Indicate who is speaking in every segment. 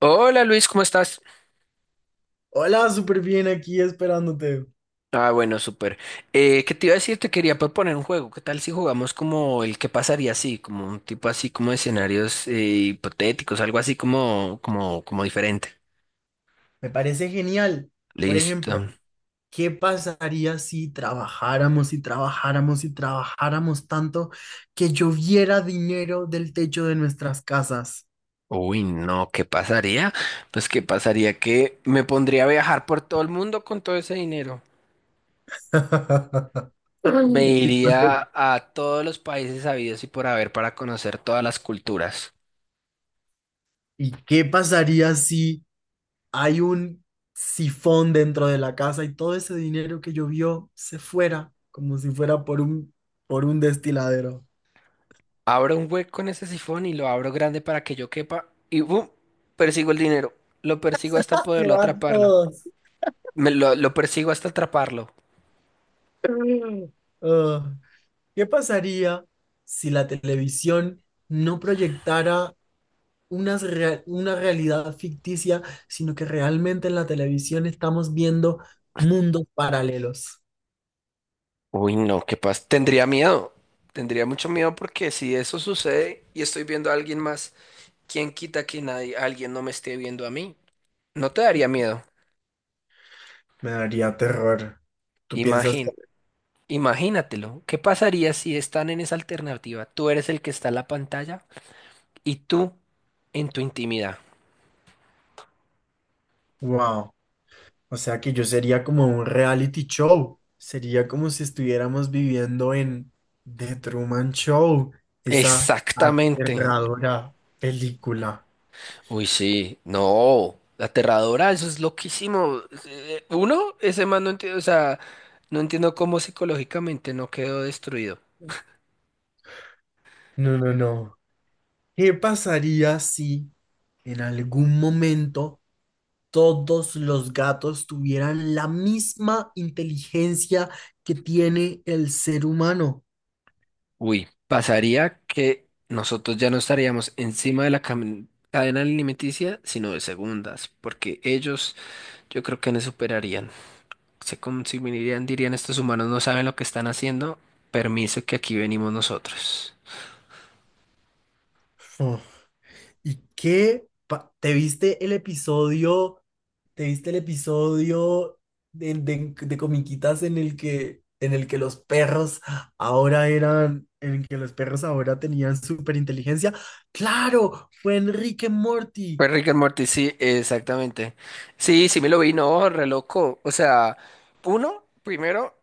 Speaker 1: Hola Luis, ¿cómo estás?
Speaker 2: Hola, súper bien aquí esperándote.
Speaker 1: Ah, bueno, súper. ¿Qué te iba a decir? Te quería proponer un juego. ¿Qué tal si jugamos como el que pasaría así? Como un tipo así como de escenarios hipotéticos, algo así como diferente.
Speaker 2: Me parece genial. Por
Speaker 1: Listo.
Speaker 2: ejemplo, ¿qué pasaría si trabajáramos tanto que lloviera dinero del techo de nuestras casas?
Speaker 1: Uy, no, ¿qué pasaría? Pues qué pasaría que me pondría a viajar por todo el mundo con todo ese dinero. Me
Speaker 2: ¿Y, cuando-
Speaker 1: iría a todos los países habidos y por haber para conocer todas las culturas.
Speaker 2: y qué pasaría si hay un sifón dentro de la casa y todo ese dinero que llovió se fuera como si fuera por un destiladero?
Speaker 1: Abro un hueco en ese sifón y lo abro grande para que yo quepa y ¡bum! Persigo el dinero. Lo persigo hasta
Speaker 2: Se
Speaker 1: poderlo
Speaker 2: van
Speaker 1: atraparlo.
Speaker 2: todos.
Speaker 1: Me lo persigo hasta atraparlo.
Speaker 2: Ah. ¿Qué pasaría si la televisión no proyectara una realidad ficticia, sino que realmente en la televisión estamos viendo mundos paralelos?
Speaker 1: Uy, no, qué pasa. Tendría miedo. Tendría mucho miedo porque si eso sucede y estoy viendo a alguien más, ¿quién quita que nadie, alguien no me esté viendo a mí? No te daría miedo.
Speaker 2: Me daría terror. Tú piensas,
Speaker 1: Imagín, imagínatelo. ¿Qué pasaría si están en esa alternativa? Tú eres el que está en la pantalla y tú en tu intimidad.
Speaker 2: wow, o sea que yo sería como un reality show. Sería como si estuviéramos viviendo en The Truman Show, esa
Speaker 1: Exactamente.
Speaker 2: aterradora película.
Speaker 1: Uy, sí, no, aterradora, eso es loquísimo. Uno, ese man no entiendo, o sea, no entiendo cómo psicológicamente no quedó destruido.
Speaker 2: No, no, no. ¿Qué pasaría si en algún momento todos los gatos tuvieran la misma inteligencia que tiene el ser humano?
Speaker 1: Uy, pasaría que nosotros ya no estaríamos encima de la cadena alimenticia, sino de segundas, porque ellos yo creo que no superarían. Se consumirían, dirían, estos humanos no saben lo que están haciendo, permiso que aquí venimos nosotros.
Speaker 2: Uf. ¿Y qué? ¿Te viste el episodio? ¿Te viste el episodio de, de Comiquitas en el que los perros ahora eran, en el que los perros ahora tenían superinteligencia? ¡Claro! Fue Enrique Morty.
Speaker 1: Fue Rick and Morty, sí, exactamente. Sí, sí me lo vi, no, re loco. O sea, uno, primero,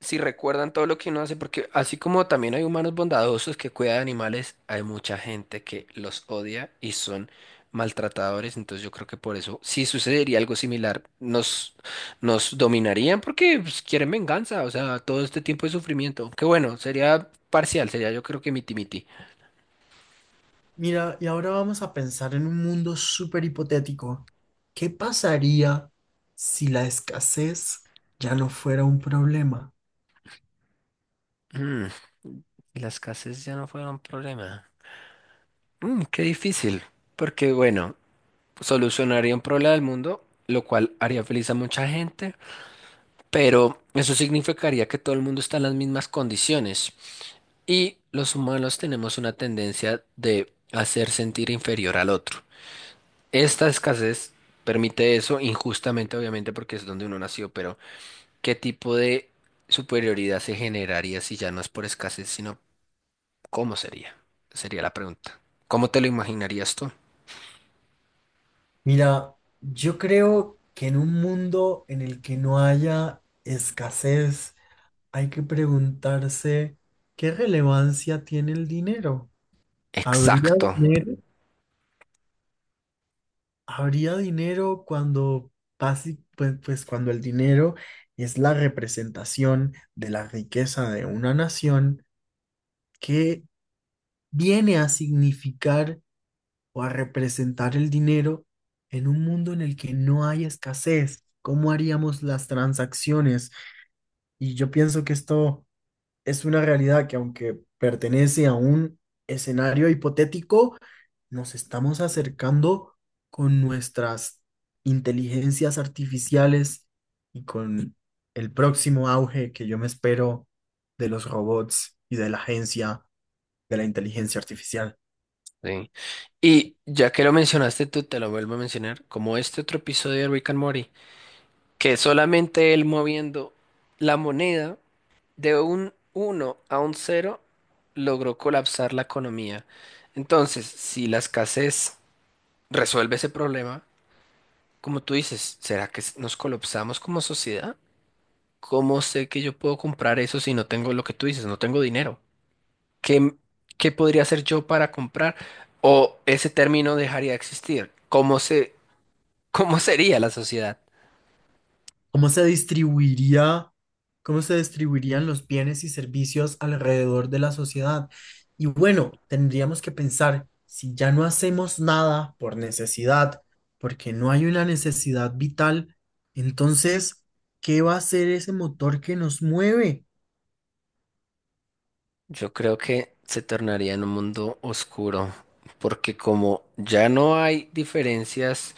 Speaker 1: si recuerdan todo lo que uno hace, porque así como también hay humanos bondadosos que cuidan de animales, hay mucha gente que los odia y son maltratadores. Entonces yo creo que por eso, si sucedería algo similar, nos dominarían porque pues, quieren venganza, o sea, todo este tiempo de sufrimiento. Que bueno, sería parcial, sería yo creo que miti-miti.
Speaker 2: Mira, y ahora vamos a pensar en un mundo súper hipotético. ¿Qué pasaría si la escasez ya no fuera un problema?
Speaker 1: Mm, las casas ya no fueron problema. Mm, qué difícil, porque bueno, solucionaría un problema del mundo, lo cual haría feliz a mucha gente, pero eso significaría que todo el mundo está en las mismas condiciones y los humanos tenemos una tendencia de hacer sentir inferior al otro. Esta escasez permite eso injustamente, obviamente, porque es donde uno nació, pero ¿qué tipo de superioridad se generaría si ya no es por escasez, sino cómo sería? Sería la pregunta. ¿Cómo te lo imaginarías tú?
Speaker 2: Mira, yo creo que en un mundo en el que no haya escasez, hay que preguntarse qué relevancia tiene el dinero. ¿Habría
Speaker 1: Exacto.
Speaker 2: dinero? ¿Habría dinero cuando, pues cuando el dinero es la representación de la riqueza de una nación, que viene a significar o a representar el dinero en un mundo en el que no hay escasez? ¿Cómo haríamos las transacciones? Y yo pienso que esto es una realidad que, aunque pertenece a un escenario hipotético, nos estamos acercando con nuestras inteligencias artificiales y con el próximo auge que yo me espero de los robots y de la agencia de la inteligencia artificial.
Speaker 1: Sí. Y ya que lo mencionaste tú, te lo vuelvo a mencionar, como este otro episodio de Rick and Morty, que solamente él moviendo la moneda de un uno a un cero logró colapsar la economía. Entonces, si la escasez resuelve ese problema, como tú dices, ¿será que nos colapsamos como sociedad? ¿Cómo sé que yo puedo comprar eso si no tengo lo que tú dices, no tengo dinero? ¿Qué, ¿qué podría hacer yo para comprar? ¿O ese término dejaría de existir? ¿Cómo sería la sociedad?
Speaker 2: ¿Cómo se distribuiría? ¿Cómo se distribuirían los bienes y servicios alrededor de la sociedad? Y bueno, tendríamos que pensar, si ya no hacemos nada por necesidad, porque no hay una necesidad vital, entonces, ¿qué va a ser ese motor que nos mueve?
Speaker 1: Yo creo que se tornaría en un mundo oscuro, porque como ya no hay diferencias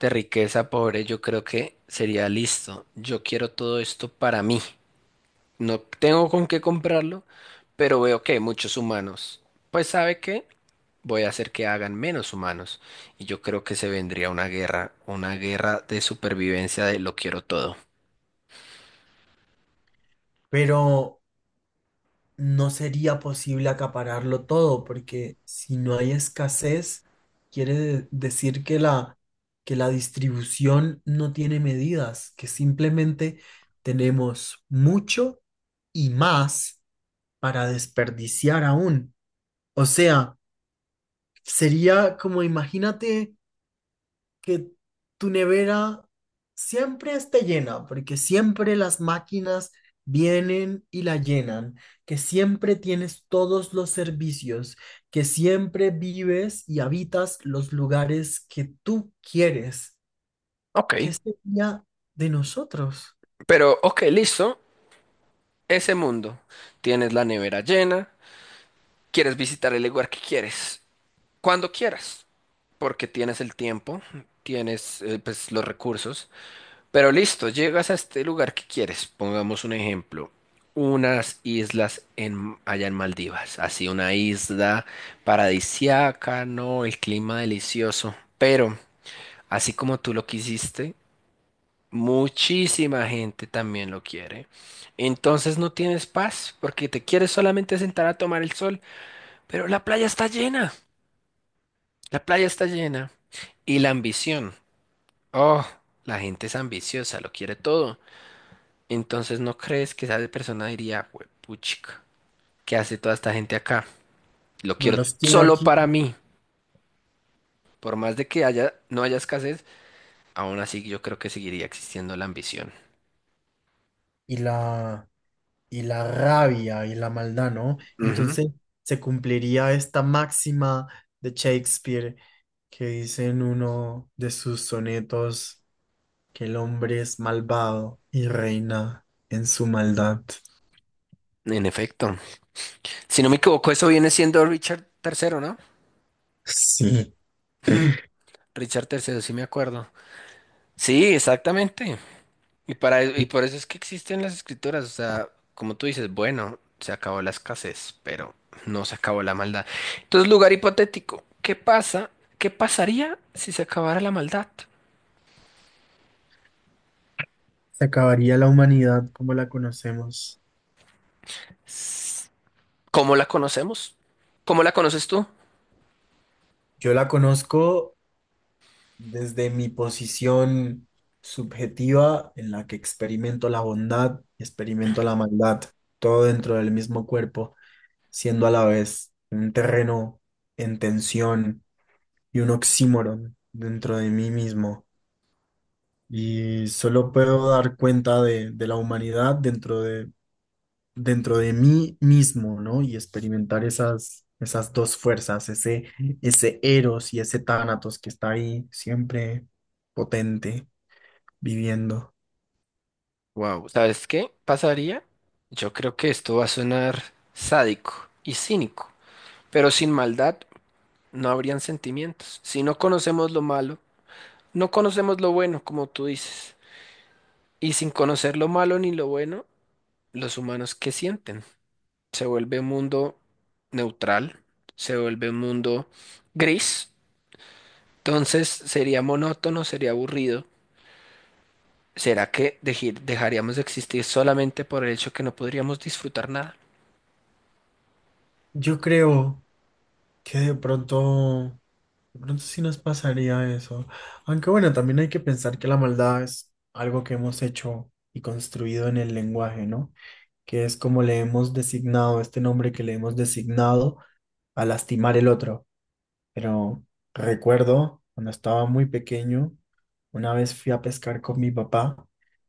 Speaker 1: de riqueza, pobre, yo creo que sería listo. Yo quiero todo esto para mí. No tengo con qué comprarlo, pero veo que hay muchos humanos. Pues ¿sabe qué? Voy a hacer que hagan menos humanos. Y yo creo que se vendría una guerra de supervivencia de lo quiero todo.
Speaker 2: Pero no sería posible acapararlo todo, porque si no hay escasez, quiere decir que la distribución no tiene medidas, que simplemente tenemos mucho y más para desperdiciar aún. O sea, sería como, imagínate que tu nevera siempre esté llena, porque siempre las máquinas vienen y la llenan, que siempre tienes todos los servicios, que siempre vives y habitas los lugares que tú quieres.
Speaker 1: Ok,
Speaker 2: ¿Qué sería de nosotros?
Speaker 1: pero ok, listo. Ese mundo. Tienes la nevera llena, quieres visitar el lugar que quieres, cuando quieras, porque tienes el tiempo, tienes pues los recursos. Pero listo, llegas a este lugar que quieres. Pongamos un ejemplo. Unas islas en, allá en Maldivas. Así una isla paradisiaca, ¿no? El clima delicioso. Pero, así como tú lo quisiste, muchísima gente también lo quiere. Entonces no tienes paz porque te quieres solamente sentar a tomar el sol. Pero la playa está llena. La playa está llena. Y la ambición. Oh, la gente es ambiciosa, lo quiere todo. Entonces, ¿no crees que esa persona diría, puchica, ¿qué hace toda esta gente acá? Lo
Speaker 2: No
Speaker 1: quiero
Speaker 2: los quiero
Speaker 1: solo
Speaker 2: aquí.
Speaker 1: para mí. Por más de que haya, no haya escasez, aún así yo creo que seguiría existiendo la ambición.
Speaker 2: Y la, y la rabia y la maldad, ¿no?
Speaker 1: Ujú,
Speaker 2: Entonces se cumpliría esta máxima de Shakespeare, que dice en uno de sus sonetos, que el hombre es malvado y reina en su maldad.
Speaker 1: en efecto. Si no me equivoco, eso viene siendo Richard Tercero, ¿no?
Speaker 2: Sí.
Speaker 1: Ujú, Richard Tercero, sí me acuerdo. Sí, exactamente. Y y por eso es que existen las escritoras, o sea, como tú dices, bueno, se acabó la escasez, pero no se acabó la maldad. Entonces, lugar hipotético, ¿qué pasa? ¿Qué pasaría si se acabara la maldad?
Speaker 2: Se acabaría la humanidad como la conocemos.
Speaker 1: S- ¿Cómo la conocemos? ¿Cómo la conoces tú?
Speaker 2: Yo la conozco desde mi posición subjetiva, en la que experimento la bondad y experimento la maldad, todo dentro del mismo cuerpo, siendo a la vez un terreno en tensión y un oxímoron dentro de mí mismo. Y solo puedo dar cuenta de la humanidad dentro de mí mismo, ¿no? Y experimentar esas, esas dos fuerzas, ese Eros y ese Tánatos que está ahí siempre potente, viviendo.
Speaker 1: Wow, ¿sabes qué pasaría? Yo creo que esto va a sonar sádico y cínico, pero sin maldad no habrían sentimientos. Si no conocemos lo malo, no conocemos lo bueno, como tú dices. Y sin conocer lo malo ni lo bueno, los humanos ¿qué sienten? Se vuelve un mundo neutral, se vuelve un mundo gris. Entonces sería monótono, sería aburrido. ¿Será que dejaríamos de existir solamente por el hecho que no podríamos disfrutar nada?
Speaker 2: Yo creo que de pronto sí nos pasaría eso. Aunque bueno, también hay que pensar que la maldad es algo que hemos hecho y construido en el lenguaje, ¿no? Que es como le hemos designado, este nombre que le hemos designado a lastimar el otro. Pero recuerdo cuando estaba muy pequeño, una vez fui a pescar con mi papá,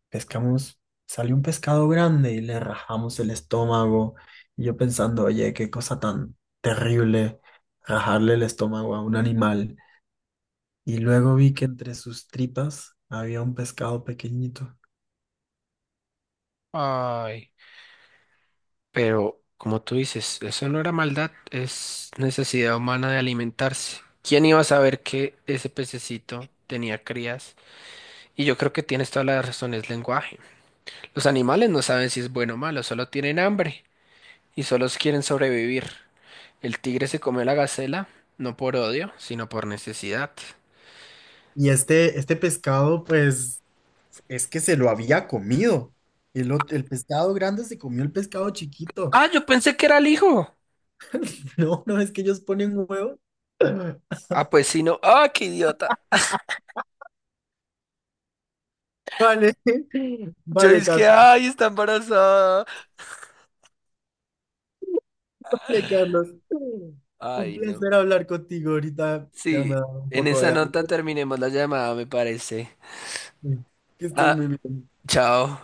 Speaker 2: pescamos, salió un pescado grande y le rajamos el estómago. Y yo pensando, oye, qué cosa tan terrible rajarle el estómago a un animal. Y luego vi que entre sus tripas había un pescado pequeñito.
Speaker 1: Ay, pero, como tú dices, eso no era maldad, es necesidad humana de alimentarse. ¿Quién iba a saber que ese pececito tenía crías? Y yo creo que tienes toda la razón, es lenguaje. Los animales no saben si es bueno o malo, solo tienen hambre y solo quieren sobrevivir. El tigre se comió la gacela, no por odio, sino por necesidad.
Speaker 2: Y este pescado, pues, es que se lo había comido. El pescado grande se comió el pescado chiquito.
Speaker 1: Ah, yo pensé que era el hijo.
Speaker 2: No, no, es que ellos ponen un huevo.
Speaker 1: Ah, pues sí, no. Ah, qué idiota.
Speaker 2: Vale,
Speaker 1: Yo
Speaker 2: vale,
Speaker 1: es que,
Speaker 2: Carlos,
Speaker 1: ay, está embarazada.
Speaker 2: vale, Carlos. Un
Speaker 1: Ay, no.
Speaker 2: placer hablar contigo ahorita. Ya me
Speaker 1: Sí,
Speaker 2: da un
Speaker 1: en
Speaker 2: poco
Speaker 1: esa
Speaker 2: de
Speaker 1: nota
Speaker 2: hambre.
Speaker 1: terminemos la llamada, me parece.
Speaker 2: Que estés
Speaker 1: Ah,
Speaker 2: muy bien.
Speaker 1: chao.